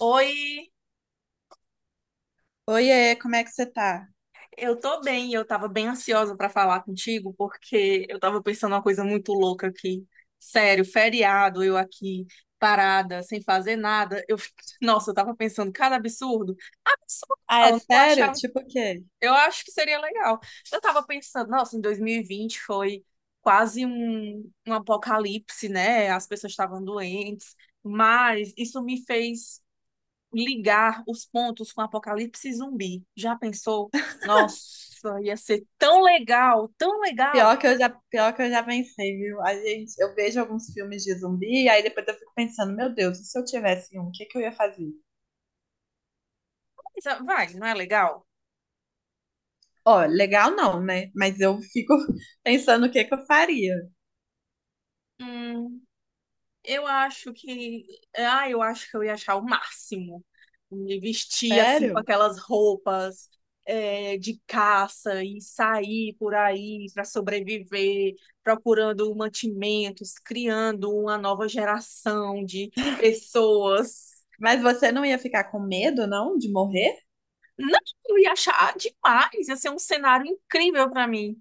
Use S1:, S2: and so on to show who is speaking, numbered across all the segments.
S1: Oi,
S2: Oiê, como é que você tá?
S1: eu tô bem. Eu tava bem ansiosa pra falar contigo porque eu tava pensando uma coisa muito louca aqui. Sério, feriado, eu aqui parada, sem fazer nada. Nossa, eu tava pensando cada absurdo. Absurdo
S2: Ah,
S1: não,
S2: é
S1: não
S2: sério?
S1: achava.
S2: Tipo o quê?
S1: Eu acho que seria legal. Eu tava pensando, nossa, em 2020 foi quase um apocalipse, né? As pessoas estavam doentes, mas isso me fez ligar os pontos com Apocalipse Zumbi. Já pensou? Nossa, ia ser tão legal, tão legal.
S2: Pior que eu já pensei, viu? A gente, eu vejo alguns filmes de zumbi e aí depois eu fico pensando, meu Deus, e se eu tivesse um, o que que eu ia fazer?
S1: Mas, ah, vai, não é legal?
S2: Ó, legal não, né? Mas eu fico pensando o que que eu faria.
S1: Hum, eu acho que. Ah, eu acho que eu ia achar o máximo. Me vestir assim com
S2: Sério?
S1: aquelas roupas de caça e sair por aí para sobreviver, procurando mantimentos, criando uma nova geração de pessoas.
S2: Mas você não ia ficar com medo, não, de morrer?
S1: Não, eu ia achar demais, ia ser um cenário incrível pra mim.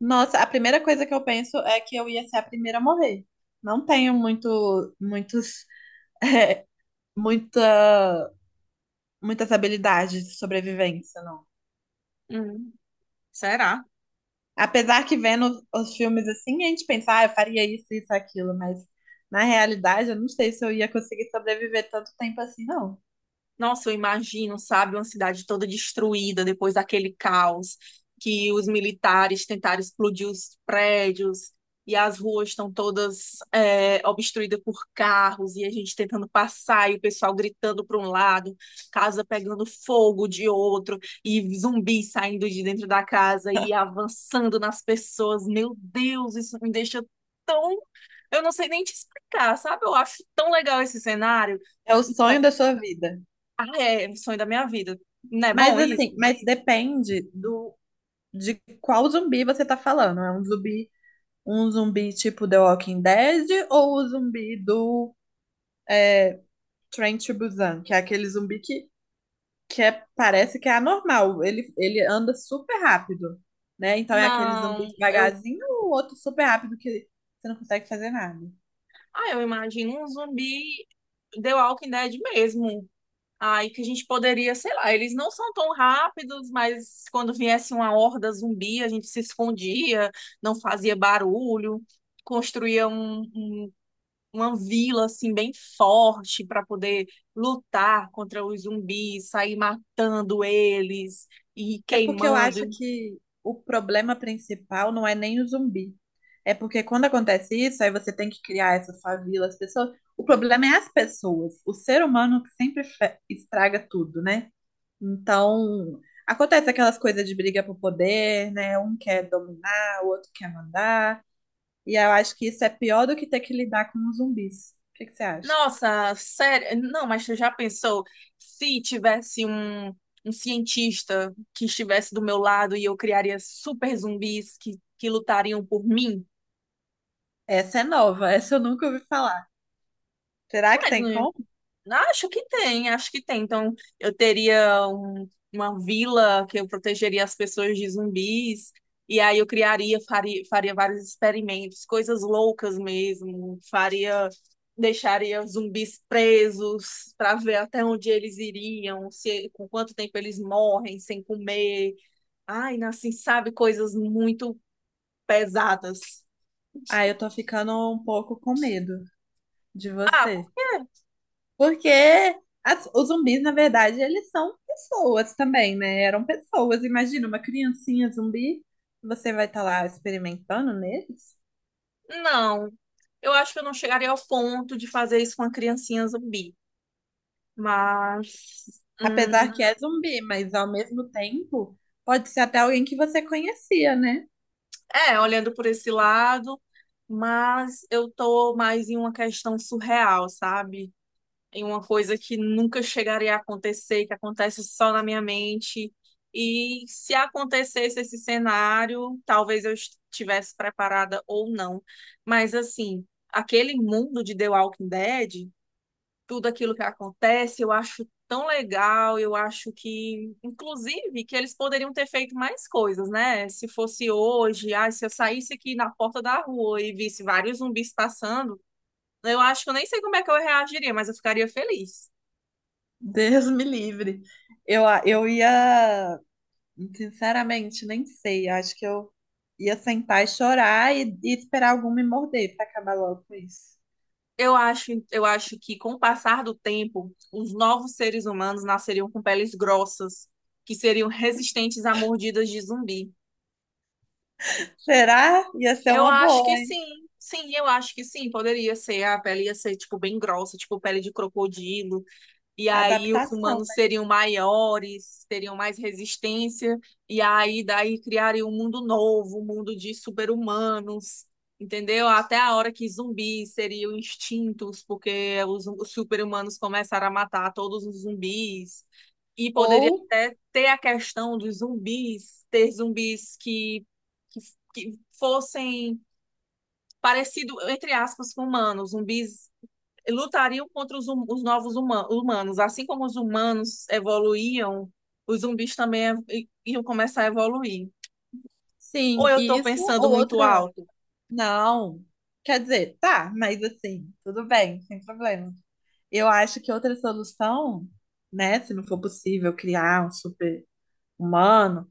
S2: Nossa, a primeira coisa que eu penso é que eu ia ser a primeira a morrer. Não tenho muita, muitas habilidades de sobrevivência, não.
S1: Hum, será?
S2: Apesar que vendo os filmes assim, a gente pensa, ah, eu faria isso, isso, aquilo, mas na realidade eu não sei se eu ia conseguir sobreviver tanto tempo assim, não.
S1: Nossa, eu imagino, sabe, uma cidade toda destruída depois daquele caos que os militares tentaram explodir os prédios e as ruas estão todas obstruídas por carros e a gente tentando passar e o pessoal gritando para um lado, casa pegando fogo de outro e zumbi saindo de dentro da casa e avançando nas pessoas. Meu Deus, isso me deixa tão... Eu não sei nem te explicar, sabe? Eu acho tão legal esse cenário.
S2: É o sonho da sua vida.
S1: É, sonho da minha vida. Não é
S2: Mas
S1: bom
S2: assim,
S1: isso?
S2: mas depende do de qual zumbi você tá falando. É um zumbi tipo The Walking Dead ou o zumbi do Train to Busan, que é aquele zumbi que é, parece que é anormal. Ele anda super rápido, né? Então é aquele zumbi
S1: Não, eu,
S2: devagarzinho, o outro super rápido que você não consegue fazer nada.
S1: ah, eu imagino um zumbi The Walking Dead mesmo. Aí que a gente poderia, sei lá, eles não são tão rápidos, mas quando viesse uma horda zumbi, a gente se escondia, não fazia barulho, construía um, um- uma vila assim bem forte para poder lutar contra os zumbis, sair matando eles e
S2: É porque eu acho
S1: queimando.
S2: que o problema principal não é nem o zumbi. É porque quando acontece isso, aí você tem que criar essa favela, as pessoas. O problema é as pessoas. O ser humano que sempre estraga tudo, né? Então, acontece aquelas coisas de briga por poder, né? Um quer dominar, o outro quer mandar. E eu acho que isso é pior do que ter que lidar com os zumbis. O que que você acha?
S1: Nossa, sério. Não, mas tu já pensou se tivesse um cientista que estivesse do meu lado e eu criaria super zumbis que lutariam por mim?
S2: Essa é nova, essa eu nunca ouvi falar. Será que
S1: Mas
S2: tem
S1: não,
S2: como?
S1: acho que tem, acho que tem. Então, uma vila que eu protegeria as pessoas de zumbis, e aí eu criaria, faria, faria vários experimentos, coisas loucas mesmo. Faria, deixaria zumbis presos para ver até onde eles iriam, se, com quanto tempo eles morrem sem comer. Ai, assim, sabe, coisas muito pesadas.
S2: Ah, eu tô ficando um pouco com medo de
S1: Ah, por
S2: você.
S1: quê?
S2: Porque os zumbis, na verdade, eles são pessoas também, né? Eram pessoas. Imagina uma criancinha zumbi, você vai estar lá experimentando neles.
S1: Não. Eu acho que eu não chegaria ao ponto de fazer isso com a criancinha zumbi. Mas,
S2: Apesar que é zumbi, mas ao mesmo tempo, pode ser até alguém que você conhecia, né?
S1: é, olhando por esse lado, mas eu tô mais em uma questão surreal, sabe? Em uma coisa que nunca chegaria a acontecer, que acontece só na minha mente. E se acontecesse esse cenário, talvez eu estivesse preparada ou não. Mas, assim, aquele mundo de The Walking Dead, tudo aquilo que acontece, eu acho tão legal, eu acho que, inclusive, que eles poderiam ter feito mais coisas, né? Se fosse hoje, ah, se eu saísse aqui na porta da rua e visse vários zumbis passando, eu acho que eu nem sei como é que eu reagiria, mas eu ficaria feliz.
S2: Deus me livre. Eu ia sinceramente, nem sei. Acho que eu ia sentar e chorar e esperar algum me morder para acabar logo com isso.
S1: Eu acho que com o passar do tempo, os novos seres humanos nasceriam com peles grossas, que seriam resistentes a mordidas de zumbi.
S2: Será? Ia ser
S1: Eu
S2: uma
S1: acho
S2: boa,
S1: que
S2: hein?
S1: sim, sim, eu acho que sim, poderia ser, a pele ia ser, tipo, bem grossa, tipo pele de crocodilo, e aí os
S2: Adaptação,
S1: humanos
S2: né?
S1: seriam maiores, teriam mais resistência, e aí daí criariam um mundo novo, um mundo de super-humanos, entendeu? Até a hora que zumbis seriam extintos, porque os super-humanos começaram a matar todos os zumbis, e poderia
S2: Ou,
S1: até ter a questão dos zumbis, ter zumbis que que fossem parecido, entre aspas, com humanos. Zumbis lutariam contra os novos humanos. Assim como os humanos evoluíam, os zumbis também iam começar a evoluir. Ou
S2: sim,
S1: eu estou
S2: isso
S1: pensando
S2: ou
S1: muito
S2: outra.
S1: alto?
S2: Não. Quer dizer, tá, mas assim, tudo bem, sem problema. Eu acho que outra solução, né, se não for possível criar um super-humano,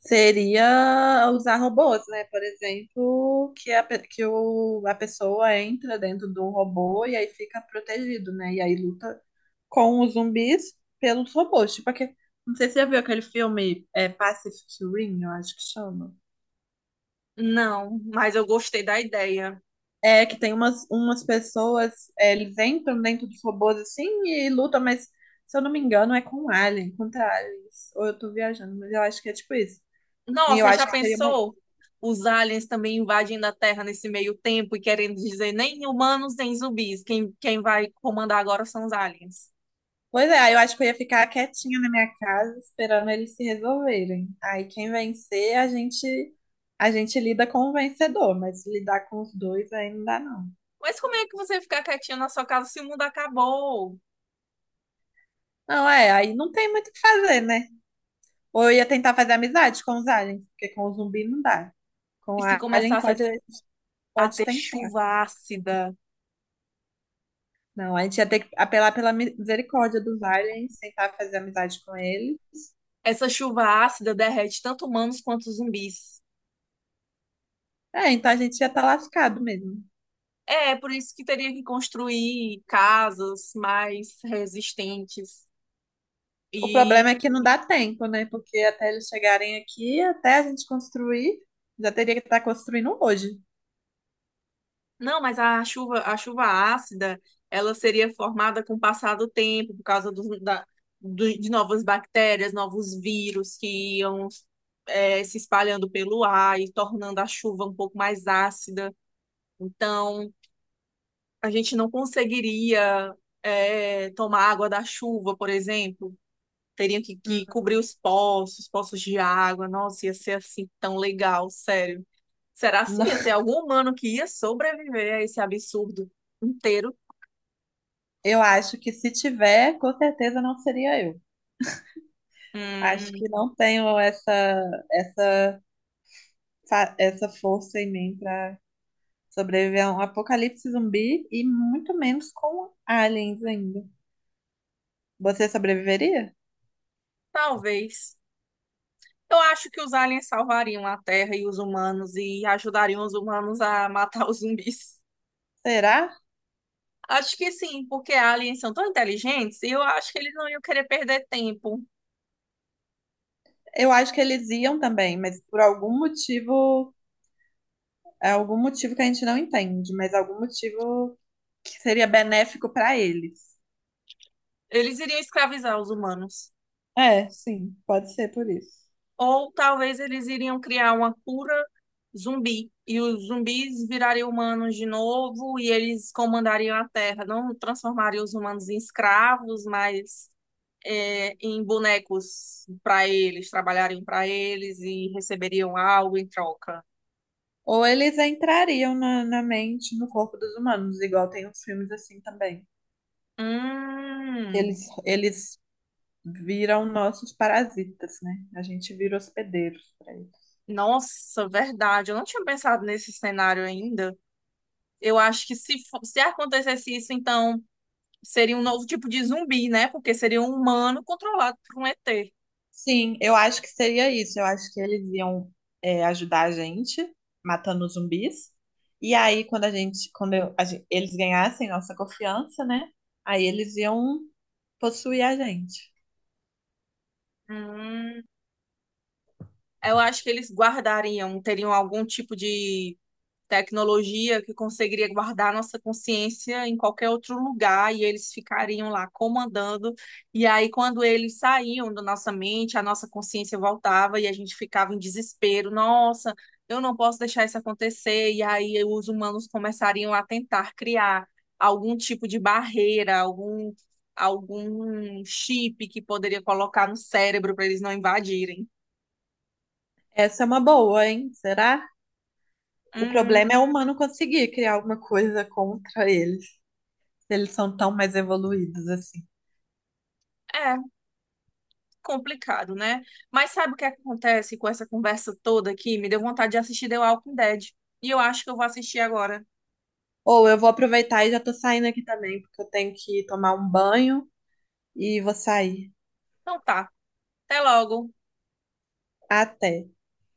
S2: seria usar robôs, né? Por exemplo, que a pessoa entra dentro do robô e aí fica protegido, né? E aí luta com os zumbis pelos robôs. Tipo, não sei se você já viu aquele filme Pacific Rim, eu acho que chama.
S1: Não, mas eu gostei da ideia.
S2: É que tem umas pessoas, eles entram dentro dos robôs assim e lutam, mas se eu não me engano é com alien, contra aliens. Ou eu tô viajando, mas eu acho que é tipo isso. E eu
S1: Nossa,
S2: acho
S1: já
S2: que seria uma.
S1: pensou? Os aliens também invadindo a Terra nesse meio tempo e querendo dizer nem humanos nem zumbis. Quem vai comandar agora são os aliens.
S2: Pois é, aí eu acho que eu ia ficar quietinha na minha casa esperando eles se resolverem. Aí quem vencer, a gente lida com o vencedor, mas lidar com os dois aí não dá não.
S1: Mas como é que você ficar quietinho na sua casa se o mundo acabou?
S2: Não, é, aí não tem muito o que fazer, né? Ou eu ia tentar fazer amizade com os aliens, porque com o zumbi não dá. Com
S1: E
S2: o
S1: se
S2: alien
S1: começasse a
S2: pode
S1: ter
S2: tentar.
S1: chuva ácida.
S2: Não, a gente ia ter que apelar pela misericórdia dos aliens, tentar fazer amizade com eles.
S1: Essa chuva ácida derrete tanto humanos quanto zumbis.
S2: É, então a gente ia estar lascado mesmo.
S1: É, por isso que teria que construir casas mais resistentes.
S2: O
S1: E
S2: problema é que não dá tempo, né? Porque até eles chegarem aqui, até a gente construir, já teria que estar construindo hoje.
S1: não, mas a chuva ácida, ela seria formada com o passar do tempo, por causa de novas bactérias, novos vírus que iam se espalhando pelo ar e tornando a chuva um pouco mais ácida. Então, a gente não conseguiria tomar água da chuva, por exemplo. Teriam
S2: Hum,
S1: que cobrir os poços, poços de água. Nossa, ia ser assim tão legal, sério. Será se
S2: não.
S1: ia ter algum humano que ia sobreviver a esse absurdo inteiro?
S2: Eu acho que se tiver, com certeza não seria eu. Acho que
S1: Hum,
S2: não tenho essa essa força em mim para sobreviver a um apocalipse zumbi e muito menos com aliens ainda. Você sobreviveria?
S1: talvez. Eu acho que os aliens salvariam a Terra e os humanos e ajudariam os humanos a matar os zumbis.
S2: Será?
S1: Acho que sim, porque aliens são tão inteligentes e eu acho que eles não iam querer perder tempo.
S2: Eu acho que eles iam também, mas por algum motivo, é algum motivo que a gente não entende, mas algum motivo que seria benéfico para eles.
S1: Eles iriam escravizar os humanos.
S2: É, sim, pode ser por isso.
S1: Ou talvez eles iriam criar uma cura zumbi. E os zumbis virariam humanos de novo e eles comandariam a Terra. Não transformariam os humanos em escravos, mas em bonecos para eles, trabalhariam para eles e receberiam algo em troca.
S2: Ou eles entrariam na mente, no corpo dos humanos, igual tem uns filmes assim também.
S1: Hum,
S2: Eles, eles viram nossos parasitas, né? A gente vira hospedeiros para eles.
S1: nossa, verdade. Eu não tinha pensado nesse cenário ainda. Eu acho que se acontecesse isso, então seria um novo tipo de zumbi, né? Porque seria um humano controlado por um ET.
S2: Sim, eu acho que seria isso. Eu acho que eles iam, ajudar a gente matando os zumbis. E aí, quando a gente, quando eu- a gen- eles ganhassem nossa confiança, né? Aí eles iam possuir a gente.
S1: Hum, eu acho que eles guardariam, teriam algum tipo de tecnologia que conseguiria guardar nossa consciência em qualquer outro lugar e eles ficariam lá comandando. E aí, quando eles saíam da nossa mente, a nossa consciência voltava e a gente ficava em desespero. Nossa, eu não posso deixar isso acontecer. E aí, os humanos começariam a tentar criar algum tipo de barreira, algum chip que poderia colocar no cérebro para eles não invadirem.
S2: Essa é uma boa, hein? Será? O problema é
S1: Hum,
S2: o humano conseguir criar alguma coisa contra eles, se eles são tão mais evoluídos assim.
S1: é complicado, né? Mas sabe o que acontece com essa conversa toda aqui? Me deu vontade de assistir The Walking Dead. E eu acho que eu vou assistir agora.
S2: Ou eu vou aproveitar e já tô saindo aqui também, porque eu tenho que tomar um banho e vou sair.
S1: Então tá. Até logo.
S2: Até.